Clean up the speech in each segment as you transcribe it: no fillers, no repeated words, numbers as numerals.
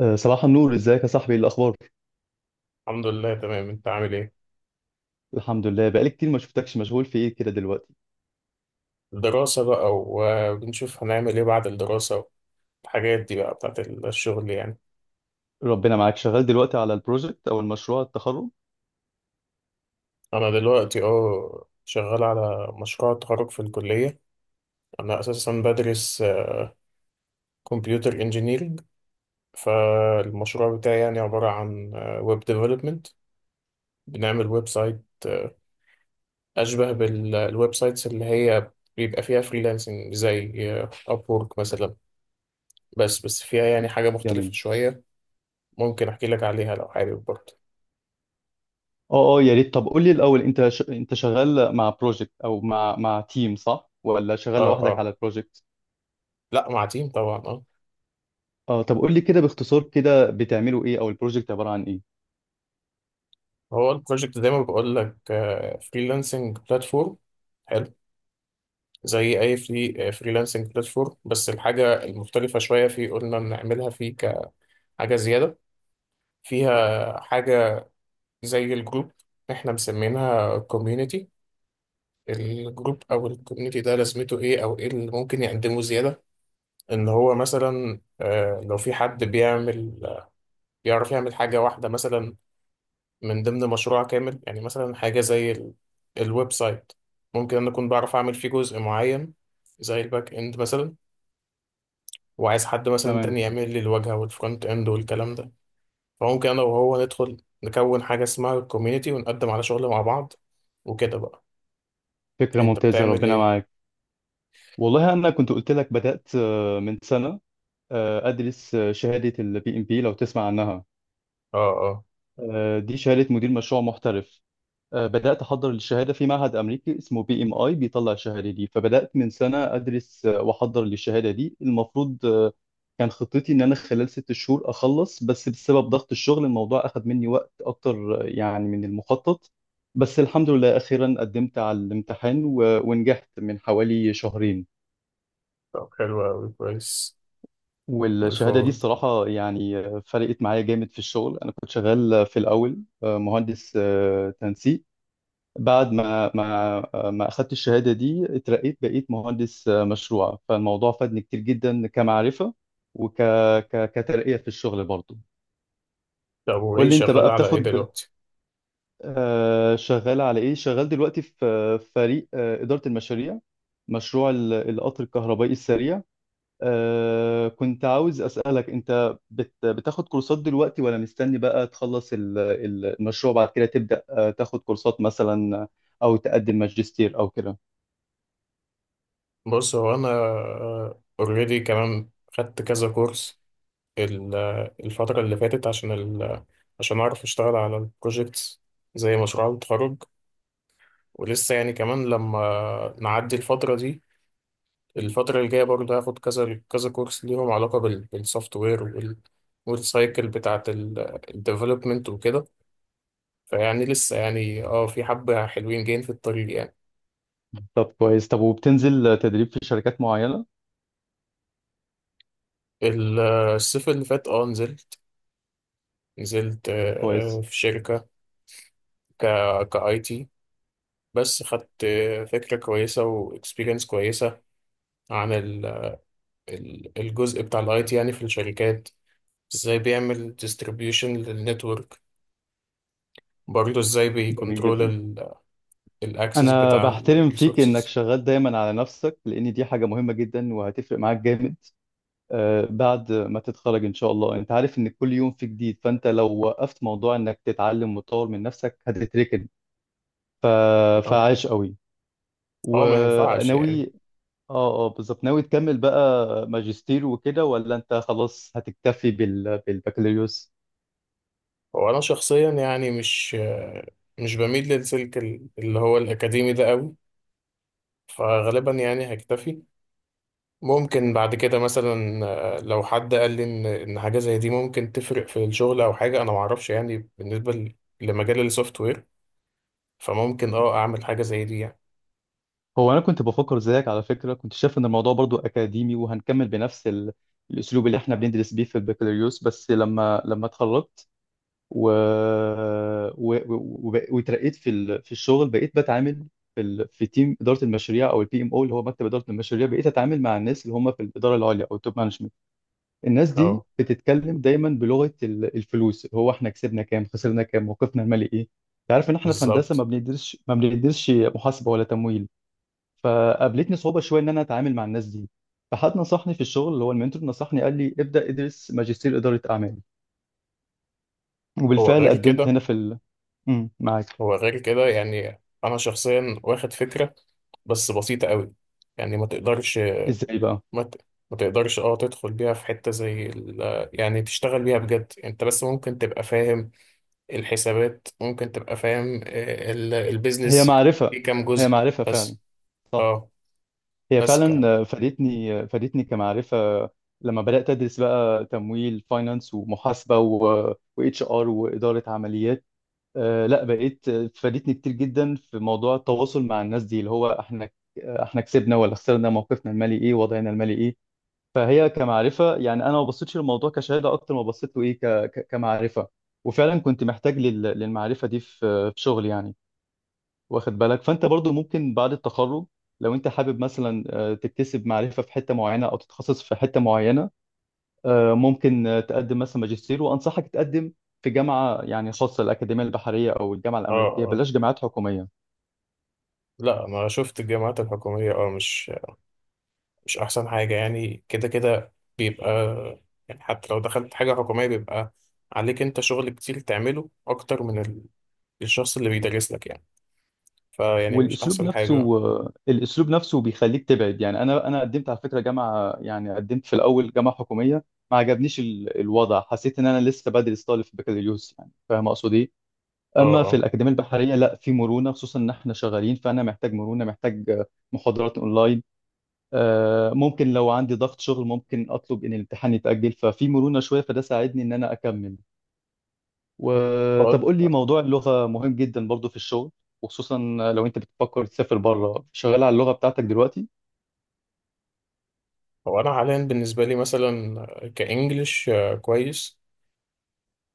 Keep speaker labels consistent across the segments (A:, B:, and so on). A: صباح النور، ازيك يا صاحبي، ايه الاخبار؟
B: الحمد لله تمام، انت عامل ايه؟
A: الحمد لله، بقالي كتير ما شفتكش. مشغول في ايه كده دلوقتي؟
B: الدراسة بقى، وبنشوف هنعمل ايه بعد الدراسة، والحاجات دي بقى بتاعت الشغل يعني.
A: ربنا معاك. شغال دلوقتي على البروجكت او المشروع التخرج؟
B: انا دلوقتي شغال على مشروع التخرج في الكلية. انا اساسا بدرس كمبيوتر انجينيرينج. فالمشروع بتاعي يعني عبارة عن ويب ديفلوبمنت. بنعمل ويب سايت اشبه بالويب سايتس اللي هي بيبقى فيها فريلانسنج زي ابورك مثلا، بس فيها يعني حاجة مختلفة
A: جميل.
B: شوية. ممكن احكي لك عليها لو حابب برضه؟
A: اه اه، يا ريت. طب قول لي الاول، انت شغال مع بروجكت او مع تيم، صح ولا
B: اه
A: شغال لوحدك
B: اه.
A: على البروجكت؟
B: لا، مع تيم طبعا، اه.
A: اه، طب قول لي كده باختصار، كده بتعملوا ايه او البروجكت عبارة عن ايه؟
B: هو البروجكت زي ما بقول لك فريلانسنج بلاتفورم. حلو. زي اي فريلانسنج بلاتفورم، بس الحاجه المختلفه شويه في قلنا بنعملها فيه كحاجه زياده، فيها حاجه زي الجروب، احنا مسمينها كوميونيتي. الجروب او الكوميونيتي ده لازمته ايه او ايه اللي ممكن يقدمه زياده؟ ان هو مثلا لو في حد بيعمل، بيعرف يعمل حاجه واحده مثلا من ضمن مشروع كامل. يعني مثلا حاجة زي الويب سايت، ممكن أنا أكون بعرف أعمل فيه جزء معين زي الباك إند مثلا، وعايز حد مثلا
A: تمام.
B: تاني يعمل لي الواجهة والفرونت إند والكلام ده. فممكن أنا وهو ندخل نكون حاجة اسمها الكوميونيتي، ونقدم على شغل مع بعض، وكده بقى.
A: فكرة
B: أنت
A: ممتازة،
B: بتعمل
A: ربنا
B: إيه؟
A: معاك. والله انا كنت قلت لك، بدأت من سنة ادرس شهادة البي ام بي لو تسمع عنها.
B: آه آه.
A: دي شهادة مدير مشروع محترف. بدأت أحضر للشهادة في معهد أمريكي اسمه بي إم آي بيطلع الشهادة دي، فبدأت من سنة أدرس وأحضر للشهادة دي. المفروض كان خطتي إن أنا خلال 6 شهور أخلص، بس بسبب ضغط الشغل الموضوع أخذ مني وقت أكتر يعني من المخطط. بس الحمد لله، أخيرا قدمت على الامتحان ونجحت من حوالي شهرين.
B: طب حلو أوي، كويس.
A: والشهادة دي
B: والفول.
A: الصراحة يعني فرقت معايا جامد في الشغل. أنا كنت شغال في الأول مهندس تنسيق. بعد ما اخدت الشهاده دي اترقيت، بقيت مهندس مشروع، فالموضوع فادني كتير جدا كمعرفه وك كترقيه في الشغل برضو.
B: طب
A: قول
B: وإيه
A: لي انت
B: شغال
A: بقى
B: على إيه
A: بتاخد.
B: دلوقتي؟
A: شغال على ايه، شغال دلوقتي في فريق اداره المشاريع، مشروع القطر الكهربائي السريع. كنت عاوز اسالك، انت بتاخد كورسات دلوقتي ولا مستني بقى تخلص المشروع، بعد كده تبدا تاخد كورسات مثلا، او تقدم ماجستير او كده.
B: بص، هو أنا أوريدي كمان خدت كذا كورس ال- الفترة اللي فاتت، عشان أعرف أشتغل على البروجيكتس زي مشروع التخرج. ولسه يعني كمان لما نعدي الفترة دي، الفترة الجاية برضه هاخد كذا كذا كورس ليهم علاقة بالسوفت وير والسايكل بتاعة الديفلوبمنت وكده. فيعني لسه يعني اه في حبة حلوين جايين في الطريق يعني.
A: طب كويس. طب وبتنزل تدريب في شركات معينة؟
B: ال- الصيف اللي فات اه نزلت
A: كويس.
B: في شركة ك كاي تي. بس خدت فكرة كويسة واكسبيرينس كويسة عن الجزء بتاع الاي تي يعني في الشركات. ازاي بيعمل ديستريبيوشن للنتورك، برضه ازاي
A: جميل
B: بيكنترول
A: جدا.
B: الاكسس
A: انا
B: بتاع
A: بحترم فيك انك
B: الريسورسز.
A: شغال دايما على نفسك، لان دي حاجة مهمة جدا وهتفرق معاك جامد. بعد ما تتخرج ان شاء الله، انت عارف ان كل يوم في جديد، فانت لو وقفت موضوع انك تتعلم وتطور من نفسك هتتركن. ف...
B: اه،
A: فعاش قوي.
B: ما ينفعش يعني.
A: وناوي. اه اه، بالظبط. ناوي تكمل بقى ماجستير وكده ولا انت خلاص هتكتفي بالبكالوريوس؟
B: هو انا شخصيا يعني مش بميل للسلك اللي هو الاكاديمي ده قوي، فغالبا يعني هكتفي. ممكن بعد كده مثلا، لو حد قال لي ان حاجه زي دي ممكن تفرق في الشغل، او حاجه انا ما اعرفش يعني بالنسبه لمجال السوفت وير، فممكن اه اعمل حاجه زي دي يعني.
A: هو انا كنت بفكر زيك على فكره، كنت شايف ان الموضوع برضو اكاديمي وهنكمل بنفس الاسلوب اللي احنا بندرس بيه في البكالوريوس، بس لما اتخرجت و... وترقيت في في الشغل، بقيت بتعامل في في تيم اداره المشاريع او البي ام او اللي هو مكتب اداره المشاريع. بقيت اتعامل مع الناس اللي هم في الاداره العليا او التوب مانجمنت. الناس
B: اه،
A: دي بتتكلم دايما بلغه الفلوس، اللي هو احنا كسبنا كام، خسرنا كام، موقفنا المالي ايه. انت عارف ان احنا في هندسه
B: بالظبط.
A: ما بندرسش محاسبه ولا تمويل. فقابلتني صعوبه شويه ان انا اتعامل مع الناس دي. فحد نصحني في الشغل، اللي هو المنتور، نصحني قال لي ابدا ادرس ماجستير اداره اعمال.
B: هو
A: وبالفعل
B: غير
A: قدمت
B: كده.
A: هنا. معاك.
B: هو غير كده يعني انا شخصيا واخد فكره بس بسيطه قوي. يعني ما تقدرش
A: ازاي بقى؟
B: ما, ت... ما تقدرش اه تدخل بيها في حته زي يعني تشتغل بيها بجد انت، بس ممكن تبقى فاهم الحسابات، ممكن تبقى فاهم
A: هي
B: البيزنس في
A: معرفه.
B: كام
A: هي
B: جزء،
A: معرفه فعلا.
B: بس.
A: صح.
B: اه.
A: هي
B: اه.
A: فعلا فادتني كمعرفه. لما بدات ادرس بقى تمويل، فاينانس ومحاسبه واتش ار واداره عمليات. لا، بقيت فادتني كتير جدا في موضوع التواصل مع الناس دي، اللي هو احنا كسبنا ولا خسرنا، موقفنا المالي ايه، وضعنا المالي ايه. فهي كمعرفه، يعني انا ما بصيتش للموضوع كشهاده اكتر ما بصيت له ايه كمعرفه. وفعلا كنت محتاج للمعرفه دي في شغل يعني. واخد بالك، فانت برضو ممكن بعد التخرج لو انت حابب مثلا تكتسب معرفه في حته معينه او تتخصص في حته معينه. ممكن تقدم مثلا ماجستير، وانصحك تقدم في جامعه يعني خاصه، الاكاديميه البحريه او الجامعه الامريكيه،
B: اه،
A: بلاش جامعات حكوميه.
B: لا انا شفت الجامعات الحكوميه اه مش احسن حاجه، يعني كده كده بيبقى، يعني حتى لو دخلت حاجه حكوميه بيبقى عليك انت شغل كتير تعمله اكتر من الشخص اللي بيدرس لك يعني. فيعني مش
A: والاسلوب
B: احسن حاجه، اه.
A: نفسه، الاسلوب نفسه بيخليك تبعد. يعني انا قدمت على فكره جامعه، يعني قدمت في الاول جامعه حكوميه، ما عجبنيش الوضع. حسيت ان انا لسه بدرس طالب في بكالوريوس، يعني فاهم اقصد ايه. اما في
B: اه.
A: الاكاديميه البحريه لا، في مرونه، خصوصا ان احنا شغالين فانا محتاج مرونه، محتاج محاضرات اونلاين. ممكن لو عندي ضغط شغل ممكن اطلب ان الامتحان يتاجل، ففي مرونه شويه، فده ساعدني ان انا اكمل.
B: هو
A: وطب قول لي، موضوع اللغة مهم جدا برضو في الشغل، وخصوصا لو انت بتفكر تسافر بره. شغال على اللغة بتاعتك دلوقتي؟
B: هو انا حاليا بالنسبه لي مثلا كانجليش كويس،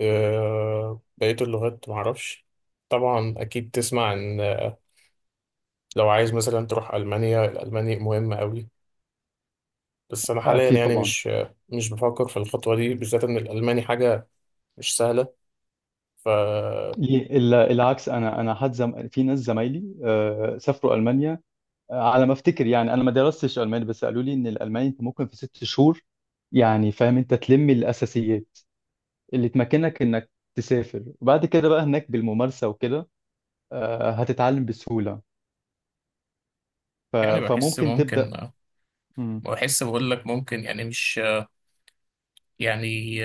B: بقيه اللغات معرفش. طبعا اكيد تسمع ان لو عايز مثلا تروح المانيا، الالماني مهم قوي. بس انا حاليا
A: اكيد
B: يعني
A: طبعا.
B: مش بفكر في الخطوه دي بالذات، ان الالماني حاجه مش سهله. ف،
A: ليه العكس؟ انا في ناس زمايلي سافروا المانيا. على ما افتكر، يعني انا ما درستش الماني، بس قالوا لي ان الالماني انت ممكن في 6 شهور، يعني فاهم، انت تلم الاساسيات اللي تمكنك انك تسافر، وبعد كده بقى هناك بالممارسة وكده هتتعلم بسهولة.
B: يعني بحس
A: فممكن
B: ممكن.
A: تبدأ. مم،
B: بحس بقول لك ممكن يعني مش، يعني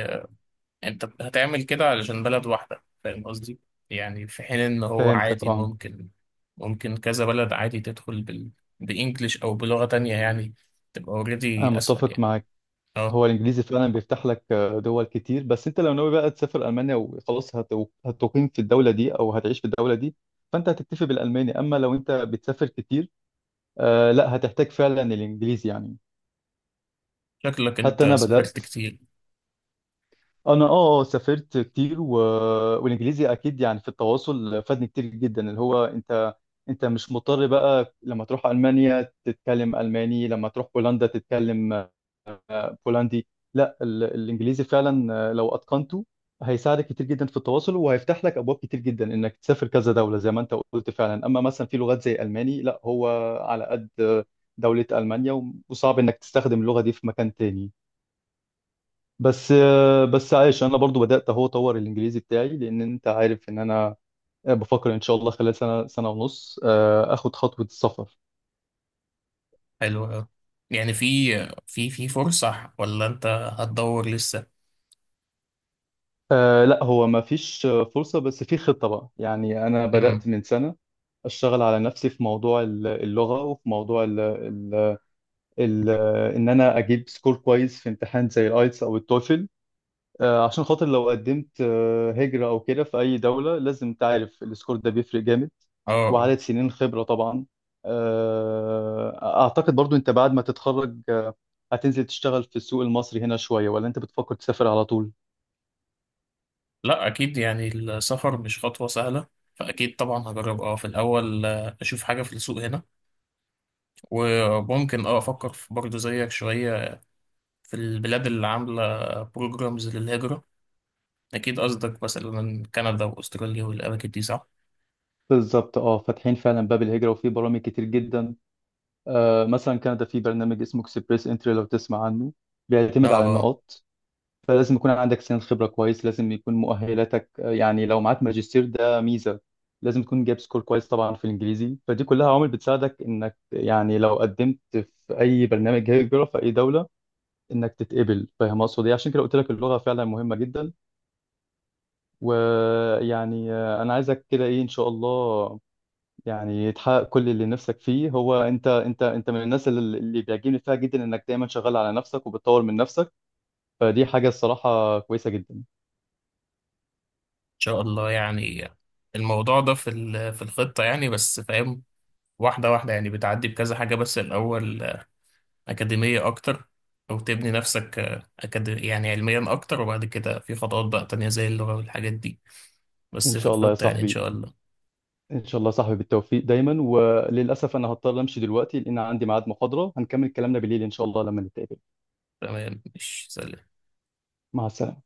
B: انت هتعمل كده علشان بلد واحدة، فاهم قصدي؟ يعني في حين ان هو
A: فهمتك،
B: عادي
A: اه.
B: ممكن، ممكن كذا بلد عادي تدخل بإنجلش او بلغة تانية يعني، تبقى
A: انا
B: اوريدي اسهل
A: متفق
B: يعني.
A: معاك.
B: اه.
A: هو الانجليزي فعلا بيفتح لك دول كتير، بس انت لو ناوي بقى تسافر المانيا وخلاص هتقيم في الدوله دي او هتعيش في الدوله دي، فانت هتكتفي بالالماني. اما لو انت بتسافر كتير لا، هتحتاج فعلا الانجليزي يعني.
B: شكلك
A: حتى
B: انت
A: انا
B: سافرت
A: بدات
B: كتير.
A: انا اه آه، سافرت كتير والانجليزي اكيد، يعني في التواصل فادني كتير جدا، اللي هو انت مش مضطر بقى لما تروح المانيا تتكلم الماني، لما تروح بولندا تتكلم بولندي. لا، الانجليزي فعلا لو اتقنته هيساعدك كتير جدا في التواصل، وهيفتح لك ابواب كتير جدا انك تسافر كذا دوله زي ما انت قلت فعلا. اما مثلا في لغات زي الماني، لا هو، على قد دوله المانيا وصعب انك تستخدم اللغه دي في مكان تاني. بس عايش، انا برضو بدات اهو اطور الانجليزي بتاعي، لان انت عارف ان انا بفكر ان شاء الله خلال سنه، سنه ونص اخد خطوه السفر.
B: حلو أوي. يعني في في فرصة ولا انت هتدور لسه؟
A: لا، هو ما فيش فرصة، بس في خطة بقى. يعني أنا
B: امم.
A: بدأت من سنة أشتغل على نفسي في موضوع اللغة، وفي موضوع ال ال ال إن أنا أجيب سكور كويس في امتحان زي الآيتس أو التوفل. عشان خاطر لو قدمت هجرة أو كده في أي دولة لازم تعرف، السكور ده بيفرق جامد.
B: اه آه.
A: وعدد سنين خبرة طبعا. أعتقد برضو أنت بعد ما تتخرج هتنزل تشتغل في السوق المصري هنا شوية ولا أنت بتفكر تسافر على طول؟
B: لا، اكيد يعني السفر مش خطوه سهله، فاكيد طبعا هجرب اه في الاول، اشوف حاجه في السوق هنا، وممكن اه افكر في برضه زيك شويه في البلاد اللي عامله بروجرامز للهجره. اكيد قصدك مثلا كندا واستراليا والاماكن دي، صح؟
A: بالظبط اه، فاتحين فعلا باب الهجرة وفي برامج كتير جدا. مثلا كندا في برنامج اسمه اكسبريس انتري لو تسمع عنه،
B: اه
A: بيعتمد
B: آه،
A: على
B: ان
A: النقاط. فلازم يكون عندك سن خبرة كويس، لازم يكون مؤهلاتك يعني لو معاك ماجستير ده ميزة، لازم تكون جايب سكور كويس طبعا في الانجليزي. فدي كلها عوامل بتساعدك انك يعني لو قدمت في اي برنامج هجرة في اي دولة انك تتقبل، فاهم اقصد ايه؟ عشان كده قلت لك اللغة فعلا مهمة جدا. ويعني انا عايزك كده ايه ان شاء الله، يعني تحقق كل اللي نفسك فيه. هو انت من الناس اللي بيعجبني فيها جدا انك دايما شغال على نفسك وبتطور من نفسك، فدي حاجة الصراحة كويسة جدا.
B: شاء الله يعني. الموضوع ده في في الخطه يعني، بس فاهم واحده واحده. يعني بتعدي بكذا حاجه، بس الاول أكاديمية أكتر، أو تبني نفسك يعني علميا أكتر، وبعد كده في خطوات بقى تانية زي اللغة والحاجات دي.
A: ان
B: بس في
A: شاء الله يا
B: الخطة يعني إن
A: صاحبي،
B: شاء الله.
A: ان شاء الله يا صاحبي، بالتوفيق دايما. وللأسف انا هضطر امشي دلوقتي، لان عندي ميعاد محاضرة، هنكمل كلامنا بالليل ان شاء الله لما نتقابل.
B: تمام، مش سلام.
A: مع السلامة.